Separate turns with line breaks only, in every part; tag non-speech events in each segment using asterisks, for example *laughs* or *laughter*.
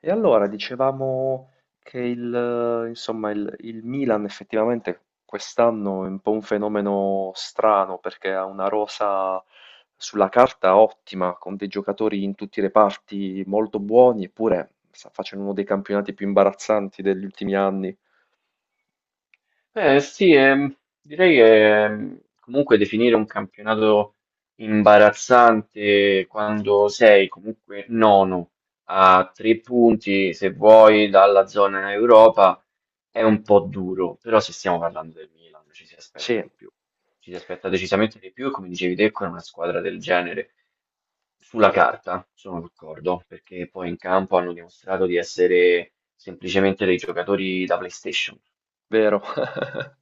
E allora dicevamo che insomma, il Milan effettivamente quest'anno è un po' un fenomeno strano perché ha una rosa sulla carta ottima, con dei giocatori in tutti i reparti molto buoni, eppure sta facendo uno dei campionati più imbarazzanti degli ultimi anni.
Sì, direi che comunque definire un campionato imbarazzante quando sei comunque nono a 3 punti, se vuoi, dalla zona Europa è un po' duro, però se stiamo parlando del Milan ci si aspetta
Sì,
di più, ci si aspetta decisamente di più e come dicevi te con una squadra del genere sulla carta sono d'accordo, perché poi in campo hanno dimostrato di essere semplicemente dei giocatori da PlayStation.
vero. *laughs*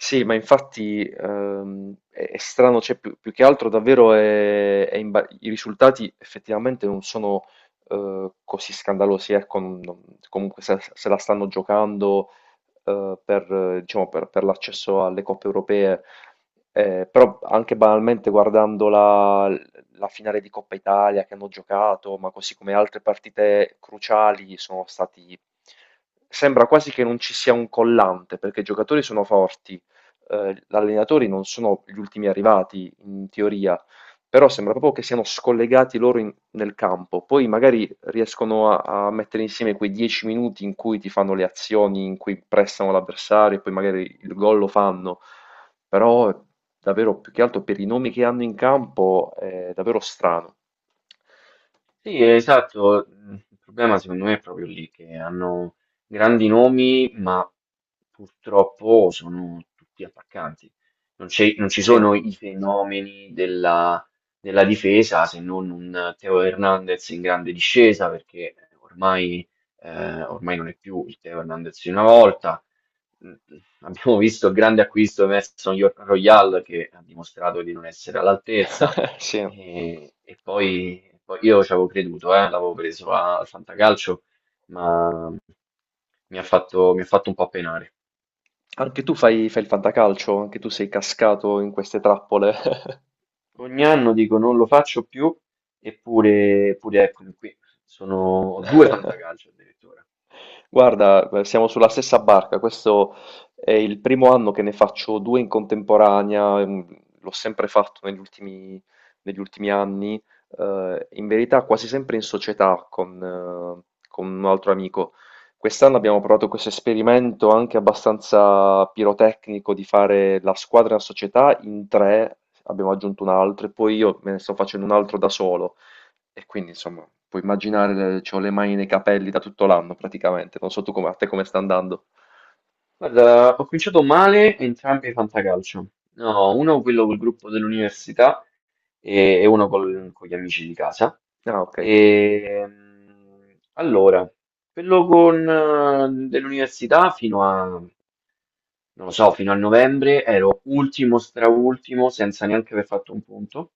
Sì, ma infatti è strano, cioè, più che altro davvero i risultati effettivamente non sono così scandalosi, ecco, comunque se la stanno giocando per, diciamo, per l'accesso alle coppe europee. Però anche banalmente guardando la finale di Coppa Italia che hanno giocato, ma così come altre partite cruciali, sono stati. Sembra quasi che non ci sia un collante, perché i giocatori sono forti, gli allenatori non sono gli ultimi arrivati in teoria, però sembra proprio che siano scollegati loro nel campo. Poi magari riescono a mettere insieme quei 10 minuti in cui ti fanno le azioni, in cui prestano l'avversario, e poi magari il gol lo fanno. Però davvero più che altro per i nomi che hanno in campo è davvero strano.
Sì, esatto. Il problema secondo me è proprio lì che hanno grandi nomi, ma purtroppo sono tutti attaccanti. Non ci
Sì.
sono i fenomeni della difesa se non un Teo Hernandez in grande discesa, perché ormai, ormai non è più il Teo Hernandez di una volta. Mm, Abbiamo visto il grande acquisto di Emerson Royal che ha dimostrato di non essere all'altezza.
*laughs* Sì.
E poi io ci avevo creduto, l'avevo preso a al Fantacalcio, ma mi ha fatto un po' penare.
Anche tu fai il fantacalcio, anche tu sei cascato in queste trappole. *laughs*
Ogni anno dico non lo faccio più, eppure eccomi qui. Sono Ho due Fantacalcio addirittura.
Guarda, siamo sulla stessa barca. Questo è il primo anno che ne faccio due in contemporanea. L'ho sempre fatto negli ultimi anni, in verità quasi sempre in società con un altro amico. Quest'anno abbiamo provato questo esperimento anche abbastanza pirotecnico di fare la squadra e la società in tre. Abbiamo aggiunto un altro e poi io me ne sto facendo un altro da solo. E quindi, insomma, puoi immaginare, c'ho le mani nei capelli da tutto l'anno praticamente. Non so tu come, a te come sta andando.
Guarda, ho cominciato male entrambi i Fantacalcio. No, uno quello col gruppo dell'università, e uno con gli amici di casa.
Ah, ok.
Allora, quello con, dell'università non lo so, fino a novembre ero ultimo, straultimo, senza neanche aver fatto un punto.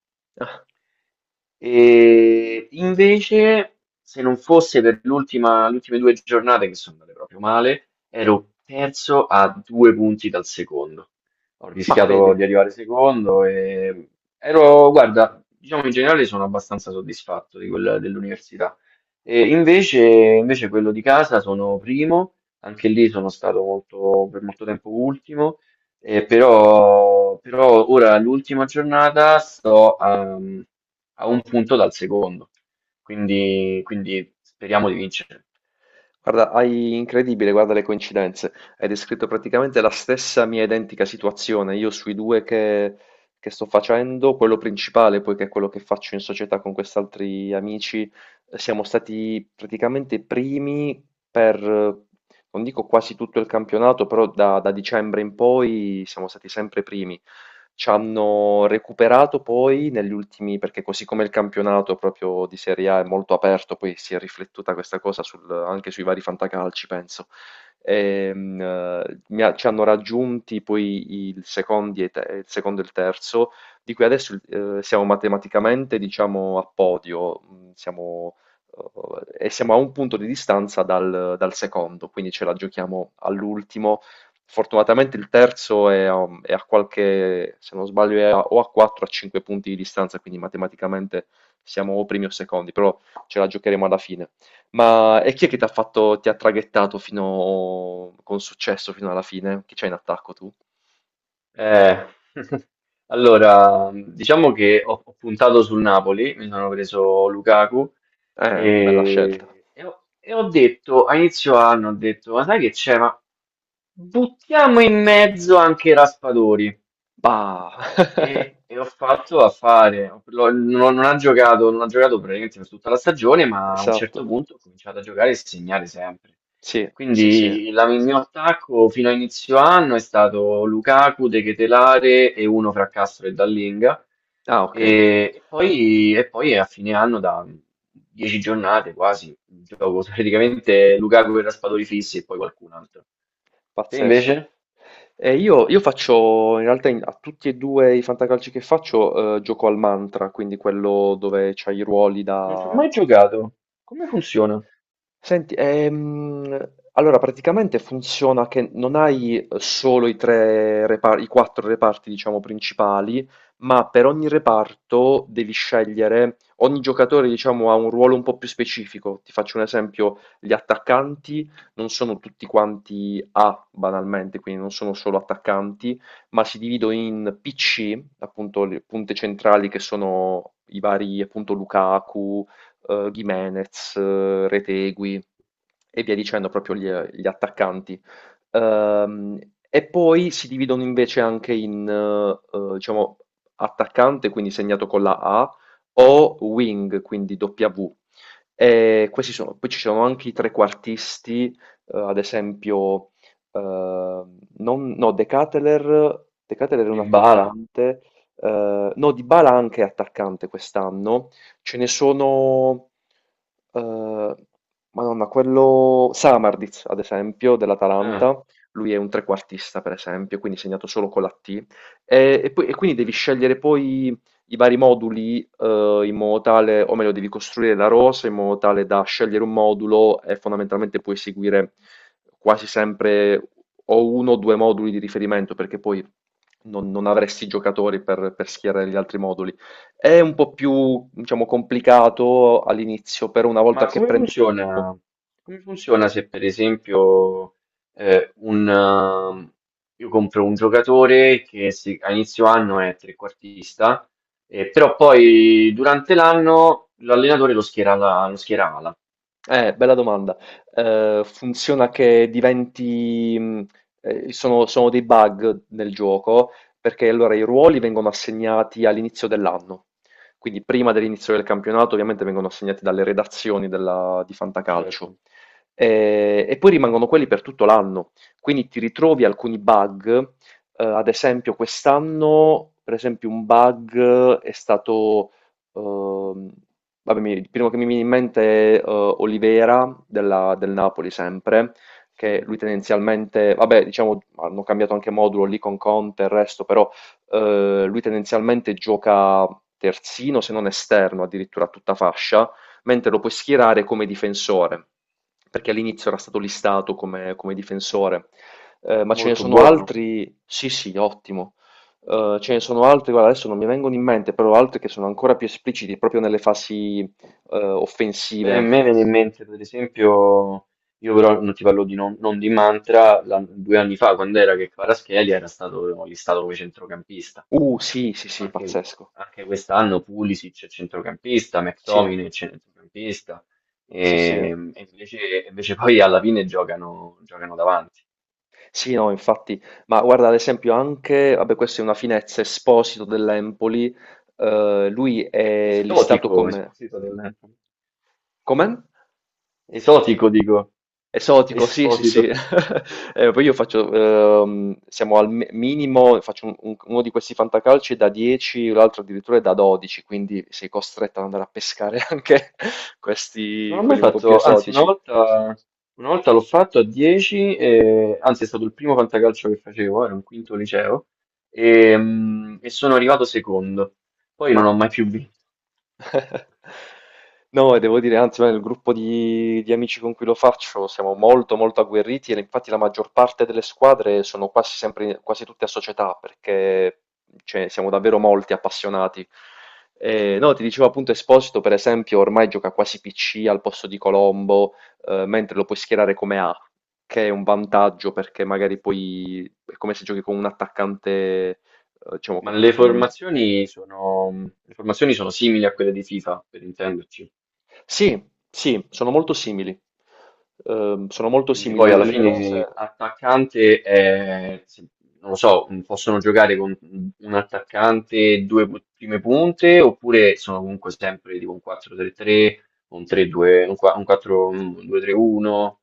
E invece, se non fosse per l'ultima, le ultime 2 giornate che sono andate proprio male, ero terzo a 2 punti dal secondo. Ho
Ma vedi,
rischiato di arrivare secondo guarda, diciamo in generale sono abbastanza soddisfatto di quella dell'università. E invece quello di casa sono primo, anche lì sono stato per molto tempo ultimo. Però però, ora l'ultima giornata sto a un punto dal secondo, quindi speriamo di vincere.
guarda, hai incredibile, guarda le coincidenze. Hai descritto praticamente la stessa mia identica situazione. Io sui due che sto facendo, quello principale, poi che è quello che faccio in società con quest'altri amici, siamo stati praticamente i primi per, non dico quasi tutto il campionato, però da dicembre in poi siamo stati sempre primi. Ci hanno recuperato poi negli ultimi perché così come il campionato proprio di Serie A è molto aperto, poi si è riflettuta questa cosa anche sui vari fantacalci, penso. Ci hanno raggiunti poi il secondi e il secondo e il terzo, di cui adesso siamo matematicamente, diciamo, a podio. Mm, Siamo E siamo a un punto di distanza dal secondo, quindi ce la giochiamo all'ultimo. Fortunatamente il terzo è a qualche, se non sbaglio è a o a 4 o a 5 punti di distanza, quindi matematicamente siamo o primi o secondi, però ce la giocheremo alla fine. Ma e chi è che t'ha fatto, ti ha traghettato fino con successo fino alla fine? Chi c'hai in attacco tu?
Eh, *laughs* allora, diciamo che ho puntato sul Napoli, mi sono preso Lukaku
Bella scelta.
e ho detto, a inizio anno ho detto, ma sai che c'è? Ma buttiamo in mezzo anche Raspadori.
Bah! *laughs*
E ho fatto a fare, lo- Non ha giocato praticamente per tutta la stagione, ma a un certo
Esatto.
punto ha cominciato a giocare e segnare sempre.
Sì, sì, sì.
Quindi il mio attacco fino a inizio anno è stato Lukaku, De Ketelare e uno fra Castro e Dallinga.
Ah, okay.
E, e poi a fine anno, da 10 giornate quasi, gioco praticamente Lukaku e Raspadori fissi e poi qualcun altro. Te
Pazzesco.
invece?
Io faccio, in realtà a tutti e due i fantacalci che faccio, gioco al mantra, quindi quello dove c'hai i ruoli
Non ci ho
da.
mai giocato. Come funziona?
Senti, allora praticamente funziona che non hai solo i i quattro reparti, diciamo, principali, ma per ogni reparto devi scegliere. Ogni giocatore, diciamo, ha un ruolo un po' più specifico. Ti faccio un esempio, gli attaccanti non sono tutti quanti A, banalmente, quindi non sono solo attaccanti, ma si dividono in PC, appunto, le punte centrali che sono i vari, appunto, Lukaku, Gimenez, Retegui e via dicendo, proprio
Ok.
gli attaccanti. Ehm, e poi si dividono invece anche in, diciamo, attaccante, quindi segnato con la A, o wing, quindi W. E questi sono, poi ci sono anche i trequartisti, ad esempio, no, De Ketelaere, De Ketelaere è un
Dybala.
attaccante, no, Dybala anche è attaccante quest'anno. Ce ne sono, eh, Madonna, quello Samarditz, ad esempio,
Ah,
dell'Atalanta, lui è un trequartista, per esempio, quindi segnato solo con la T. E quindi devi scegliere poi i vari moduli, in modo tale, o meglio, devi costruire la rosa in modo tale da scegliere un modulo e fondamentalmente puoi seguire quasi sempre o uno o due moduli di riferimento, perché poi non avresti giocatori per schierare gli altri moduli. È un po' più, diciamo, complicato all'inizio, però una
ma
volta che
come
prendi.
funziona? Come funziona se per esempio eh, un, ehm, io compro un giocatore a inizio anno è trequartista, però poi durante l'anno l'allenatore lo schiera, lo schiera ala.
Bella domanda. Funziona che diventi. Sono dei bug nel gioco, perché allora i ruoli vengono assegnati all'inizio dell'anno. Quindi prima dell'inizio del campionato ovviamente vengono assegnati dalle redazioni di Fantacalcio.
Certo,
E poi rimangono quelli per tutto l'anno. Quindi ti ritrovi alcuni bug. Ad esempio quest'anno, per esempio, un bug è stato. Ehm, Vabbè, il primo che mi viene in mente è Olivera del Napoli sempre, che
sì,
lui tendenzialmente, vabbè, diciamo, hanno cambiato anche modulo lì con Conte e il resto, però lui tendenzialmente gioca terzino, se non esterno, addirittura a tutta fascia, mentre lo puoi schierare come difensore, perché all'inizio era stato listato come, come difensore. Ma ce ne
molto
sono
buono.
altri? Sì, sì, ottimo. Ce ne sono altri, guarda, adesso non mi vengono in mente, però altri che sono ancora più espliciti proprio nelle fasi
Beh, a
offensive.
me viene in mente per esempio, io però non ti parlo di non, non di Mantra, 2 anni fa quando era che Kvaratskhelia era stato listato come centrocampista.
Sì, sì, sì,
Anche
pazzesco.
anche quest'anno Pulisic è centrocampista,
Sì,
McTominay è centrocampista,
sì, sì.
e invece poi alla fine giocano davanti.
Sì, no, infatti. Ma guarda, ad esempio anche, vabbè, questa è una finezza, Esposito dell'Empoli, lui è listato
Esotico,
come.
Esposito del.
Come?
Esotico dico,
Esotico, sì, sì, sì.
Esposito.
*laughs* Poi io faccio, siamo al minimo, faccio uno di questi fantacalci da 10, l'altro addirittura è da 12, quindi sei costretto ad andare a pescare *laughs* anche
Non
questi,
ho mai
quelli un po' più
fatto, anzi
esotici.
una volta l'ho fatto a 10, anzi è stato il primo fantacalcio che facevo, era un quinto liceo, e sono arrivato secondo. Poi
Ma.
non ho mai più vinto.
*laughs* No, e devo dire, anzi, noi nel gruppo di amici con cui lo faccio siamo molto, molto agguerriti e infatti la maggior parte delle squadre sono quasi sempre, quasi tutte a società perché, cioè, siamo davvero molti appassionati. E, no, ti dicevo appunto Esposito, per esempio, ormai gioca quasi PC al posto di Colombo, mentre lo puoi schierare come A, che è un vantaggio perché magari poi è come se giochi con un attaccante, eh, diciamo,
Ma
con, con
le formazioni sono simili a quelle di FIFA, per intenderci.
Sì, sì, sono molto simili. Sono molto
Quindi
simili.
poi alla
Le
fine
rose.
attaccante è, non lo so, possono giocare con un attaccante e due prime punte, oppure sono comunque sempre tipo un 4-3-3, un 3-2, un 4-2-3-1.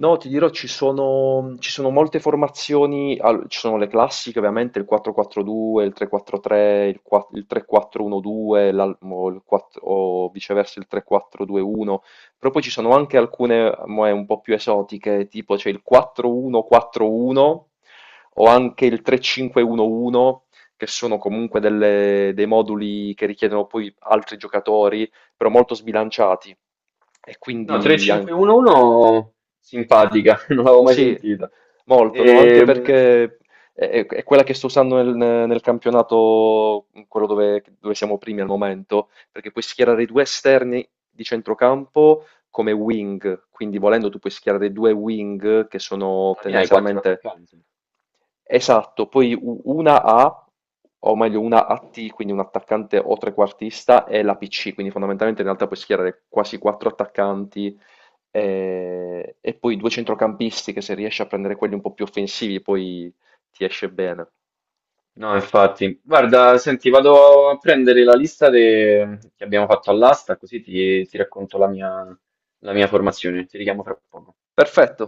No, ti dirò, ci sono molte formazioni, ci sono le classiche ovviamente, il 4-4-2, il 3-4-3, il 3-4-1-2, o viceversa il 3-4-2-1, però poi ci sono anche alcune un po' più esotiche, tipo c'è il 4-1-4-1 o anche il 3-5-1-1, che sono comunque dei moduli che richiedono poi altri giocatori, però molto sbilanciati. E
No,
quindi anche.
3-5-1-1 simpatica, *laughs* non l'avevo mai
Sì,
sentita.
molto, no, anche
Ehm,
perché è quella che sto usando nel campionato, quello dove siamo primi al momento, perché puoi schierare i due esterni di centrocampo come wing, quindi volendo tu puoi schierare due wing che sono
Alla fine hai quattro
tendenzialmente.
attaccanti.
Esatto, poi una A, o meglio una AT, quindi un attaccante o trequartista, e la PC, quindi fondamentalmente in realtà puoi schierare quasi quattro attaccanti, e poi due centrocampisti che se riesci a prendere quelli un po' più offensivi poi ti esce bene.
No, infatti, guarda, senti, vado a prendere la lista che abbiamo fatto all'asta, così ti racconto la mia formazione. Ti richiamo fra poco.
Perfetto.